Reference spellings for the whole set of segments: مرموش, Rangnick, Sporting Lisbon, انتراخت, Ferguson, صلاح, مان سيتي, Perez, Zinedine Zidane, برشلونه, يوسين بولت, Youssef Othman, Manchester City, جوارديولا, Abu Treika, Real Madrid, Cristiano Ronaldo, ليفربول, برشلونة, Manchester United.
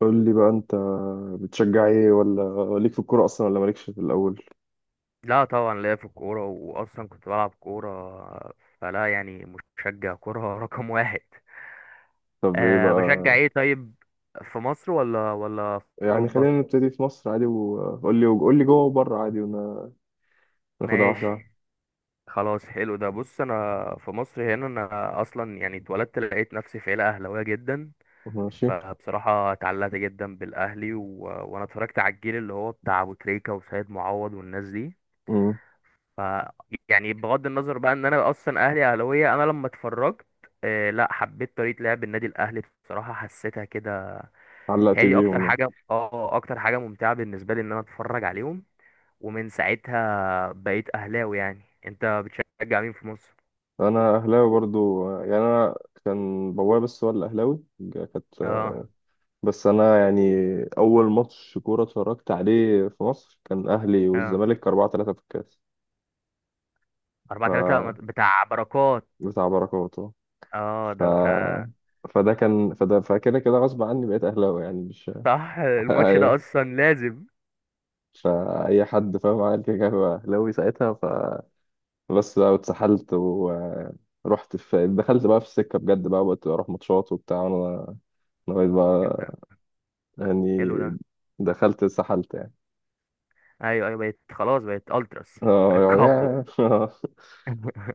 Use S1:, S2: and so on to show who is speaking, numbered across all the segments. S1: قول لي بقى انت، بتشجع ايه ولا ليك في الكوره اصلا ولا مالكش في الاول؟
S2: لا طبعا ليا في الكورة، وأصلا كنت بلعب كورة فلا يعني مشجع كورة رقم واحد.
S1: طب ايه
S2: أه
S1: بقى؟
S2: بشجع ايه طيب، في مصر ولا في
S1: يعني خلينا
S2: أوروبا؟
S1: نبتدي في مصر عادي وقول لي، قول لي جوه وبره عادي وناخدها واحده واحدة.
S2: ماشي، خلاص حلو ده. بص أنا في مصر هنا، أنا أصلا يعني اتولدت لقيت نفسي في عيلة أهلاوية جدا،
S1: ماشي.
S2: فبصراحة اتعلقت جدا بالأهلي وأنا اتفرجت على الجيل اللي هو بتاع أبو تريكة وسيد معوض والناس دي.
S1: امم.
S2: ف يعني بغض النظر بقى ان انا اصلا اهلي اهلاويه، انا لما اتفرجت لا حبيت طريقه لعب النادي الاهلي بصراحه، حسيتها كده.
S1: علقت
S2: هي دي اكتر
S1: بيهم يعني.
S2: حاجه، اكتر حاجه ممتعه بالنسبه لي، ان انا اتفرج عليهم، ومن ساعتها بقيت اهلاوي. يعني انت بتشجع مين في مصر؟
S1: انا اهلاوي برضو، يعني انا كان بابايا بس هو اللي اهلاوي. كانت
S2: اه،
S1: بس انا يعني اول ماتش كوره اتفرجت عليه في مصر كان اهلي
S2: اه،
S1: والزمالك 4-3 في الكاس. ف
S2: 4-3 بتاع بركات.
S1: بتاع بركات.
S2: اه
S1: ف
S2: ده انت.
S1: فده كان فده فكده كده غصب عني بقيت اهلاوي، يعني مش...
S2: صح، الماتش ده
S1: أي-
S2: اصلا لازم.
S1: فاي حد فاهم عمل كده كان هو اهلاوي ساعتها فبس. بقى واتسحلت ورحت، دخلت بقى في السكه بجد، بقى بقيت اروح ماتشات وبتاع، وانا لغايه
S2: إيه
S1: بقى،
S2: ده،
S1: يعني
S2: حلو ده.
S1: دخلت اتسحلت يعني.
S2: ايوه، ايوه، بقيت خلاص، بقيت التراس، بقيت
S1: اه
S2: كابو.
S1: يعني،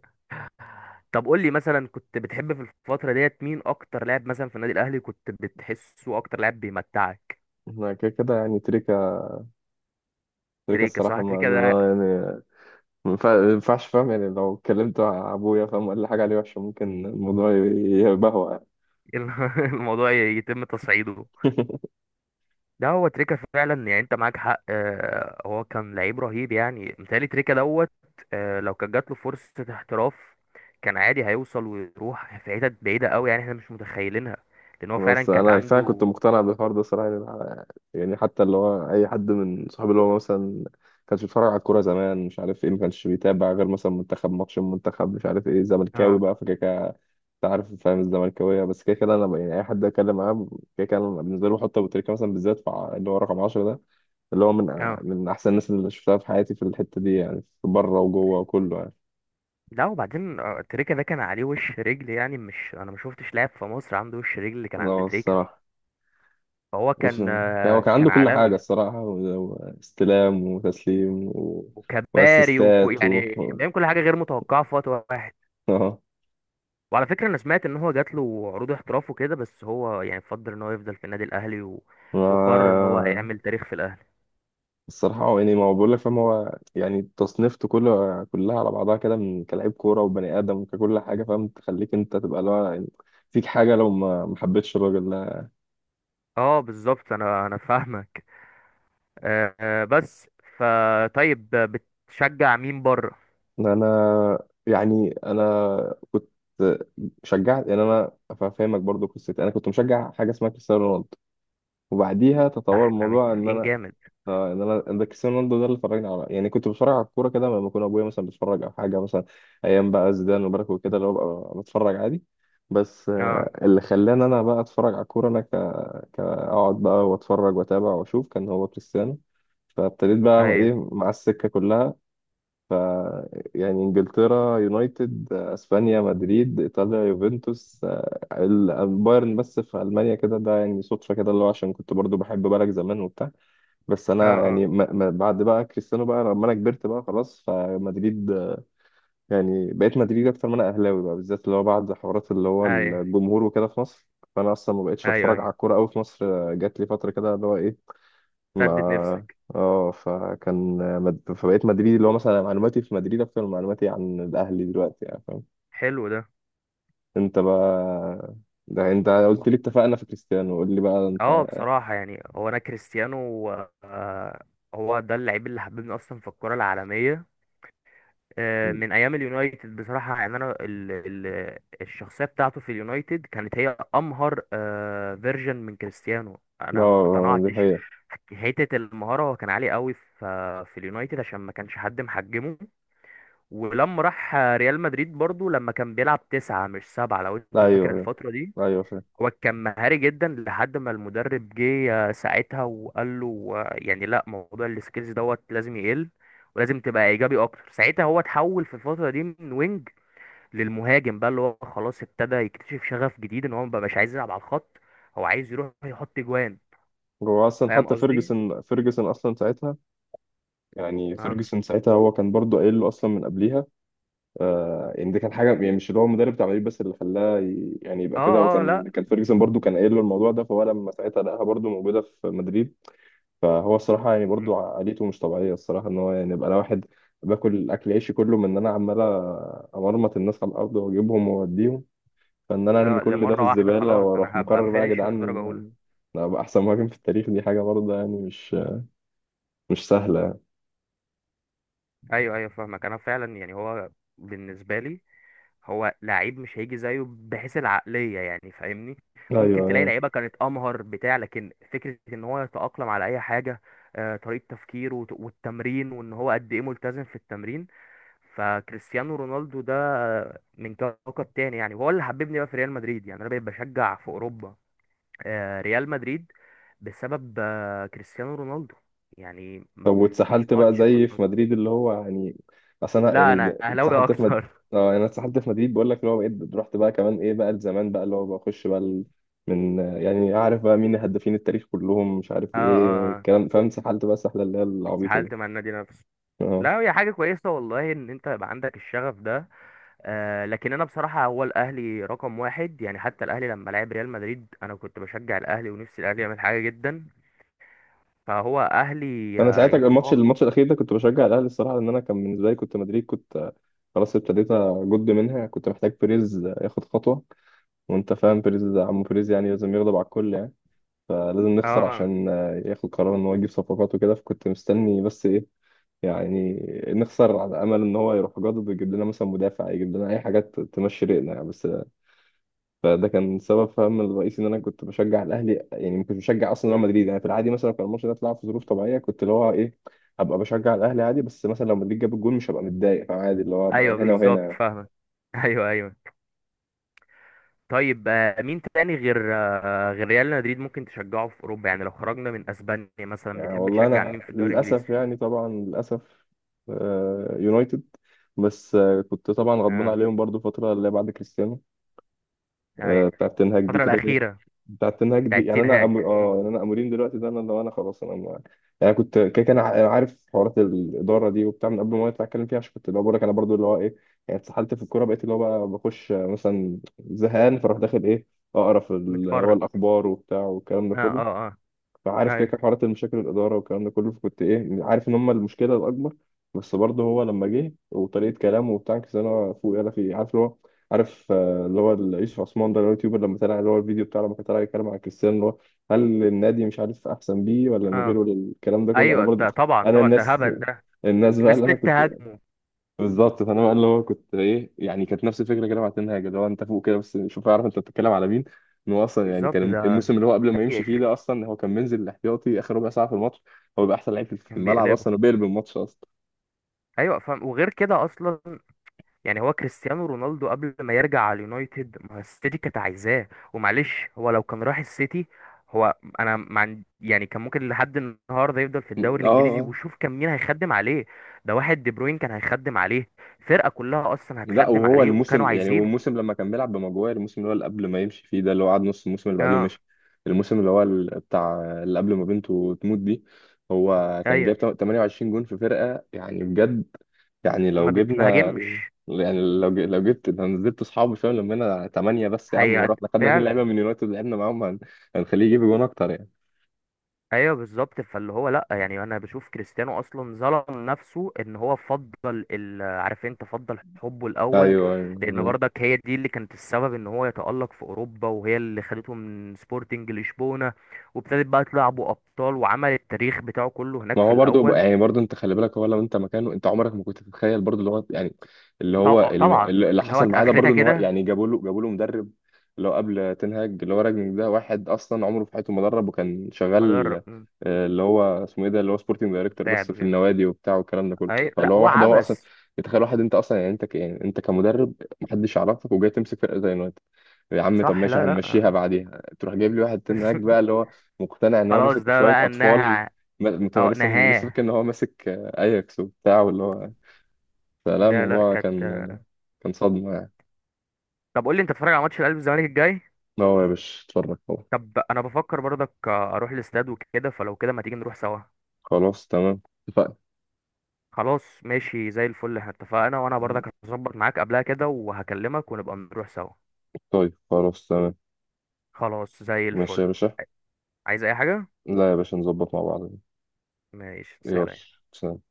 S2: طب قول لي مثلا، كنت بتحب في الفترة ديت مين أكتر لاعب مثلا في النادي الأهلي؟ كنت بتحسه أكتر لاعب بيمتعك؟
S1: أنا كده كده يعني تريكا تريكا
S2: تريكة،
S1: الصراحة،
S2: صح،
S1: ما
S2: تريكة ده.
S1: أنا يعني ما ينفعش، فاهم؟ يعني لو اتكلمت مع أبويا فاهم ولا حاجة عليه وحشة ممكن الموضوع يبهوأ يعني.
S2: الموضوع يتم تصعيده. ده هو تريكة فعلا، يعني أنت معاك حق. هو كان لعيب رهيب، يعني متهيألي تريكة دوت. لو كانت جات له فرصة احتراف، كان عادي هيوصل ويروح في حتت بعيدة أوي يعني، احنا مش متخيلينها، لأن هو فعلا
S1: بس
S2: كانت
S1: انا فعلا كنت
S2: عنده.
S1: مقتنع بالحوار ده صراحه. يعني يعني حتى اللي هو اي حد من صحابي اللي هو مثلا ما كانش بيتفرج على الكوره زمان مش عارف ايه، ما كانش بيتابع غير مثلا منتخب، ماتش المنتخب مش عارف ايه، زملكاوي
S2: اه،
S1: بقى فكده كده. انت عارف فاهم الزملكاويه. بس كده كده انا بقى، يعني اي حد اتكلم معاه كده كده، أنا بالنسبه لي بحط ابو تريكه مثلا، بالذات في اللي هو رقم 10 ده، اللي هو
S2: آه.
S1: من احسن الناس اللي شفتها في حياتي في الحته دي، يعني في بره وجوه وكله يعني.
S2: لا وبعدين، تريكا ده كان عليه وش رجل، يعني مش انا ما شفتش لاعب في مصر عنده وش رجل اللي كان عند
S1: اه
S2: تريكا.
S1: الصراحه.
S2: فهو
S1: بص
S2: كان
S1: هو
S2: آه،
S1: كان عنده
S2: كان
S1: كل حاجة
S2: عالمي،
S1: الصراحة، واستلام وتسليم و...
S2: وكباري وكو آه.
S1: واسيستات و...
S2: يعني كان بيعمل كل حاجه غير متوقعه في وقت واحد.
S1: اه.
S2: وعلى فكره انا سمعت ان هو جات له عروض احتراف وكده، بس هو يعني فضل ان هو يفضل في النادي الاهلي وقرر ان هو
S1: ما-
S2: هيعمل تاريخ في الاهلي.
S1: الصراحة هو يعني، ما هو بقول لك فاهم، هو يعني تصنيفته كله كلها على بعضها كده من كلاعب كورة وبني آدم وككل حاجة، فاهم، تخليك أنت تبقى اللي هو يعني فيك حاجة لو ما حبيتش الراجل ده.
S2: اه بالظبط، انا فاهمك. بس فطيب، بتشجع مين بره؟
S1: إن أنا يعني أنا كنت شجعت، يعني أنا فاهمك برضو. قصتي أنا كنت مشجع حاجة اسمها كريستيانو رونالدو، وبعديها
S2: ده
S1: تطور
S2: احنا
S1: الموضوع ان
S2: متفقين
S1: انا،
S2: جامد.
S1: اه، ان انا ده كريستيانو رونالدو ده اللي اتفرجنا على، يعني كنت بتفرج على الكوره كده لما يكون ابويا مثلا بيتفرج او حاجه مثلا ايام بقى زيدان وبركه وكده، اللي هو ببقى بتفرج عادي، بس
S2: اه،
S1: اللي خلاني انا بقى اتفرج على الكوره انا كاقعد بقى واتفرج واتابع واشوف كان هو كريستيانو. فابتديت بقى ايه
S2: ايوه.
S1: مع السكه كلها. ف، يعني انجلترا يونايتد، اسبانيا مدريد، ايطاليا يوفنتوس، البايرن بس في المانيا كده، ده يعني صدفه كده اللي هو عشان كنت برضو بحب بالك زمان وبتاع. بس
S2: اه،
S1: انا
S2: اه.
S1: يعني ما بعد بقى كريستيانو بقى لما انا كبرت بقى خلاص فمدريد، يعني بقيت مدريد اكتر ما انا اهلاوي بقى، بالذات اللي هو بعد حوارات اللي هو
S2: ايوه،
S1: الجمهور وكده في مصر. فانا اصلا ما بقتش
S2: ايوه،
S1: اتفرج
S2: أيوه.
S1: على الكوره قوي في مصر. جات لي فتره كده اللي هو ايه،
S2: سدد
S1: ما،
S2: نفسك.
S1: اه، فكان فبقيت مدريدي، اللي هو مثلا معلوماتي في مدريد اكتر من معلوماتي عن الاهلي دلوقتي يعني، فاهم
S2: حلو ده.
S1: انت بقى؟ ده انت قلت لي اتفقنا في كريستيانو، قول لي بقى انت.
S2: اه بصراحة، يعني هو انا كريستيانو، آه، هو ده اللعيب اللي حببني اصلا في الكرة العالمية. من ايام اليونايتد بصراحة، يعني انا ال ال الشخصية بتاعته في اليونايتد كانت هي امهر، فيرجن من كريستيانو انا ما
S1: اه دي
S2: اقتنعتش.
S1: حقيقة.
S2: حتة المهارة هو كان عالي قوي في اليونايتد، عشان ما كانش حد محجمه. ولما راح ريال مدريد برضو، لما كان بيلعب تسعة مش سبعة، لو انت فاكر
S1: ايوه ايوه
S2: الفترة دي،
S1: ايوه.
S2: هو كان مهاري جدا لحد ما المدرب جه ساعتها وقال له، يعني لا، موضوع السكيلز دوت لازم يقل، ولازم تبقى ايجابي اكتر. ساعتها هو اتحول في الفتره دي من وينج للمهاجم بقى، اللي هو خلاص ابتدى يكتشف شغف جديد، ان هو مبقاش عايز يلعب على الخط، هو عايز يروح يحط جوان.
S1: هو اصلا
S2: فاهم
S1: حتى
S2: قصدي؟
S1: فيرجسون اصلا ساعتها، يعني
S2: اه،
S1: فيرجسون ساعتها هو كان برضه قايل له اصلا من قبليها، آه يعني دي كان حاجه يعني مش اللي هو المدرب بتاع العيب، بس اللي خلاه يعني يبقى كده، هو
S2: اه، اه. لا.
S1: كان فيرجسون برضه كان قايل له الموضوع ده، فهو لما ساعتها لقاها برضه موجوده في مدريد، فهو الصراحه يعني
S2: م.
S1: برضه عقليته مش طبيعيه الصراحه، ان هو يعني يبقى انا واحد باكل اكل عيشي كله من ان انا عمال امرمط الناس على الارض واجيبهم واوديهم، فان انا ارمي كل ده في
S2: لمره واحده
S1: الزباله
S2: خلاص،
S1: واروح
S2: انا هبقى
S1: مقرر بقى يا
S2: فينيشر درجه اولى.
S1: جدعان أنا ابقى احسن مهاجم في التاريخ، دي حاجه برضه يعني مش سهلة.
S2: ايوه، ايوه، فاهمك. انا فعلا يعني هو بالنسبه لي، هو لعيب مش هيجي زيه بحيث العقلية، يعني فاهمني، ممكن تلاقي
S1: أيوة.
S2: لعيبة كانت أمهر بتاع، لكن فكرة إن هو يتأقلم على أي حاجة، طريقة تفكيره والتمرين، وإن هو قد إيه ملتزم في التمرين، فكريستيانو رونالدو ده من كوكب تاني يعني. وهو اللي حببني بقى في ريال مدريد، يعني أنا بقيت بشجع في أوروبا ريال مدريد بسبب كريستيانو رونالدو. يعني ما
S1: طب
S2: فيش
S1: واتسحلت بقى
S2: ماتش ما
S1: زي في
S2: فوت-
S1: مدريد اللي هو يعني؟ أصل أنا
S2: لا
S1: يعني
S2: أنا أهلاوي
S1: اتسحلت في
S2: أكتر.
S1: اه يعني أنا اتسحلت في مدريد، بقول لك اللي هو بقيت رحت بقى كمان إيه بقى لزمان، بقى اللي هو بخش بقى ال... من، يعني عارف بقى مين هدافين التاريخ كلهم مش عارف
S2: اه،
S1: إيه
S2: اه، آه.
S1: الكلام، فاهم اتسحلت بقى السحلة اللي هي العبيطة
S2: اتسحلت
S1: دي.
S2: مع النادي نفسه.
S1: اه.
S2: لا هي حاجة كويسة والله، إن أنت يبقى عندك الشغف ده. لكن أنا بصراحة هو الأهلي رقم واحد يعني، حتى الأهلي لما لعب ريال مدريد، أنا كنت بشجع الأهلي ونفسي الأهلي يعمل حاجة جدا، فهو أهلي
S1: أنا ساعتها
S2: يتفوق.
S1: الماتش الأخير ده كنت بشجع الأهلي الصراحة، لأن أنا كان بالنسبة لي كنت مدريد كنت خلاص ابتديت أجد منها، كنت محتاج بيريز ياخد خطوة. وأنت فاهم بيريز، عم بيريز يعني لازم يغضب على الكل يعني، فلازم نخسر
S2: آه.
S1: عشان ياخد قرار ان هو يجيب صفقات وكده، فكنت مستني بس ايه، يعني نخسر على امل ان هو يروح جاضد ويجيب لنا مثلا مدافع، يجيب لنا اي حاجات تمشي ريقنا يعني، بس فده كان سبب فهم الرئيسي ان انا كنت بشجع الاهلي، يعني ما كنتش بشجع اصلا ريال
S2: مم.
S1: مدريد، يعني في العادي مثلا كان الماتش ده اتلعب في ظروف طبيعيه، كنت اللي هو ايه ابقى بشجع الاهلي عادي، بس مثلا لو مدريد جاب الجول مش هبقى متضايق، فعادي اللي هو ابقى
S2: أيوه
S1: هنا
S2: بالظبط،
S1: وهنا.
S2: فاهمك. أيوه، أيوه. طيب، مين تاني غير غير ريال مدريد ممكن تشجعه في أوروبا؟ يعني لو خرجنا من أسبانيا مثلا،
S1: يعني
S2: بتحب
S1: والله
S2: تشجع
S1: انا
S2: مين في الدوري الإنجليزي؟
S1: للاسف، يعني طبعا للاسف، يونايتد. بس كنت طبعا غضبان
S2: آه
S1: عليهم برضو فتره اللي هي بعد كريستيانو،
S2: أيوه.
S1: بتاعه تنهاج دي
S2: الفترة
S1: كده كده.
S2: الأخيرة
S1: بتاعه تنهاج دي
S2: بتاعت
S1: يعني
S2: تين
S1: انا
S2: هاج.
S1: اه يعني
S2: مم.
S1: انا امورين دلوقتي ده، انا لو انا خلاص انا ما... يعني كنت كده كان عارف حوارات الاداره دي وبتاع من قبل ما يطلع اتكلم فيها، عشان كنت اللي هو بقول لك انا برضو اللي هو ايه، يعني اتسحلت في الكوره بقيت اللي هو بقى بخش مثلا زهقان فاروح داخل ايه، اقرا في ال... هو
S2: متفرج.
S1: الاخبار وبتاع والكلام ده
S2: آه آه
S1: كله،
S2: آه
S1: فعارف كده
S2: أيوه.
S1: كده حوارات المشاكل الاداره والكلام ده كله، فكنت ايه عارف ان هم المشكله الاكبر. بس برضه هو لما جه وطريقه كلامه وبتاع كده انا فوق، يلا في عارف اللي هو، عارف اللي هو يوسف عثمان ده اللي هو اليوتيوبر، لما طلع اللي هو الفيديو بتاعه لما كان طالع يتكلم عن كريستيانو اللي هو، هل النادي مش عارف احسن بيه ولا من
S2: اه،
S1: غيره ولا الكلام ده كله، انا
S2: ايوه،
S1: برضه.
S2: ده طبعا،
S1: انا
S2: طبعا، ده
S1: الناس
S2: هبل ده.
S1: الناس بقى
S2: الناس
S1: اللي
S2: دي
S1: انا كنت،
S2: تهاجمه.
S1: بالظبط. فانا بقى اللي هو كنت ايه، يعني كانت نفس الفكره كده مع تنهاج، اللي هو انت فوق كده بس شوف اعرف انت بتتكلم على مين، ان هو اصلا يعني
S2: بالظبط،
S1: كان
S2: ده
S1: الموسم اللي هو قبل ما يمشي
S2: تاريخ.
S1: فيه ده اصلا هو كان منزل الاحتياطي اخر ربع ساعه في الماتش، هو بيبقى احسن لعيب في
S2: كان
S1: الملعب
S2: بيقلبه.
S1: اصلا وبيقلب الماتش اصلا.
S2: ايوه فاهم. وغير كده اصلا، يعني هو كريستيانو رونالدو قبل ما يرجع على اليونايتد، ما هو السيتي كانت عايزاه، ومعلش هو لو كان راح السيتي، هو انا ما عند- يعني كان ممكن لحد النهارده يفضل في الدوري
S1: اه.
S2: الانجليزي.
S1: آه.
S2: وشوف كان مين هيخدم عليه، ده واحد دي بروين كان هيخدم عليه، الفرقه كلها اصلا
S1: لا
S2: هتخدم
S1: وهو
S2: عليه، وكانوا
S1: الموسم يعني هو
S2: عايزينه.
S1: الموسم لما كان بيلعب بمجموعه الموسم اللي هو اللي قبل ما يمشي فيه ده اللي هو قعد نص الموسم اللي بعديه
S2: اه،
S1: ومشي، الموسم اللي هو بتاع اللي قبل ما بنته تموت دي، هو كان
S2: ايوه،
S1: جايب 28 جون في فرقه يعني بجد، يعني
S2: ما
S1: لو جبنا،
S2: بتهاجمش.
S1: يعني لو لو جبت لو نزلت اصحابه شويه لما ثمانيه بس يا عم،
S2: هي
S1: ورحنا خدنا اتنين
S2: فعلا.
S1: لعيبه من يونايتد لعبنا معاهم، هنخليه يجيب جون اكتر يعني.
S2: ايوه بالظبط. فاللي هو لا، يعني انا بشوف كريستيانو اصلا ظلم نفسه، ان هو فضل عارف انت، فضل حبه الاول،
S1: ايوه
S2: لان
S1: ايوه.
S2: برضك هي دي اللي كانت السبب ان هو يتألق في اوروبا، وهي اللي خدته من سبورتنج لشبونة، وابتدت بقى تلعبوا ابطال وعمل التاريخ بتاعه كله
S1: ما
S2: هناك في
S1: هو برضو
S2: الاول.
S1: يعني برضو انت خلي بالك، هو لو انت مكانه انت عمرك ما كنت تتخيل برضو اللي هو يعني اللي هو
S2: طبعا،
S1: اللي
S2: ان هو
S1: حصل معاه ده برضو،
S2: اخرتها
S1: ان هو
S2: كده.
S1: يعني جابوا له مدرب اللي هو قبل تنهاج، اللي هو راجنك ده واحد اصلا عمره في حياته مدرب وكان شغال
S2: مدرب.
S1: اللي هو اسمه ايه ده اللي هو سبورتنج دايركتور بس
S2: مساعد
S1: في
S2: وكده.
S1: النوادي وبتاع والكلام ده كله،
S2: اي لا،
S1: فاللي هو
S2: هو
S1: واحد هو اصلا.
S2: عبث.
S1: تخيل واحد انت اصلا، يعني انت يعني انت كمدرب محدش يعرفك وجاي تمسك فرقه زي اليونايتد، يا عم. طب
S2: صح.
S1: ماشي
S2: لا، لا.
S1: هنمشيها بعديها تروح جايب لي واحد تنهاج بقى، اللي هو مقتنع ان هو
S2: خلاص،
S1: ماسك
S2: ده
S1: شويه
S2: بقى
S1: اطفال.
S2: انها اه
S1: لسه لسه
S2: نهاه.
S1: فاكر ان هو ماسك اياكس وبتاع واللي هو. فلا
S2: لا، لا،
S1: الموضوع
S2: كانت.
S1: كان صدمة يعني.
S2: طب قول لي، انت بتتفرج على ماتش الاهلي والزمالك الجاي؟
S1: لا هو يا باشا، اتفرج طبعا.
S2: طب انا بفكر برضك اروح الاستاد وكده، فلو كده، ما تيجي نروح سوا؟
S1: خلاص تمام اتفقنا.
S2: خلاص ماشي، زي الفل، احنا اتفقنا، وانا برضك هظبط معاك قبلها كده وهكلمك ونبقى نروح سوا.
S1: طيب خلاص تمام.
S2: خلاص زي
S1: ماشي يا
S2: الفل.
S1: باشا.
S2: عايز اي حاجة؟
S1: لا يا باشا نظبط مع بعض.
S2: ماشي،
S1: يلا.
S2: سلام.
S1: سلام.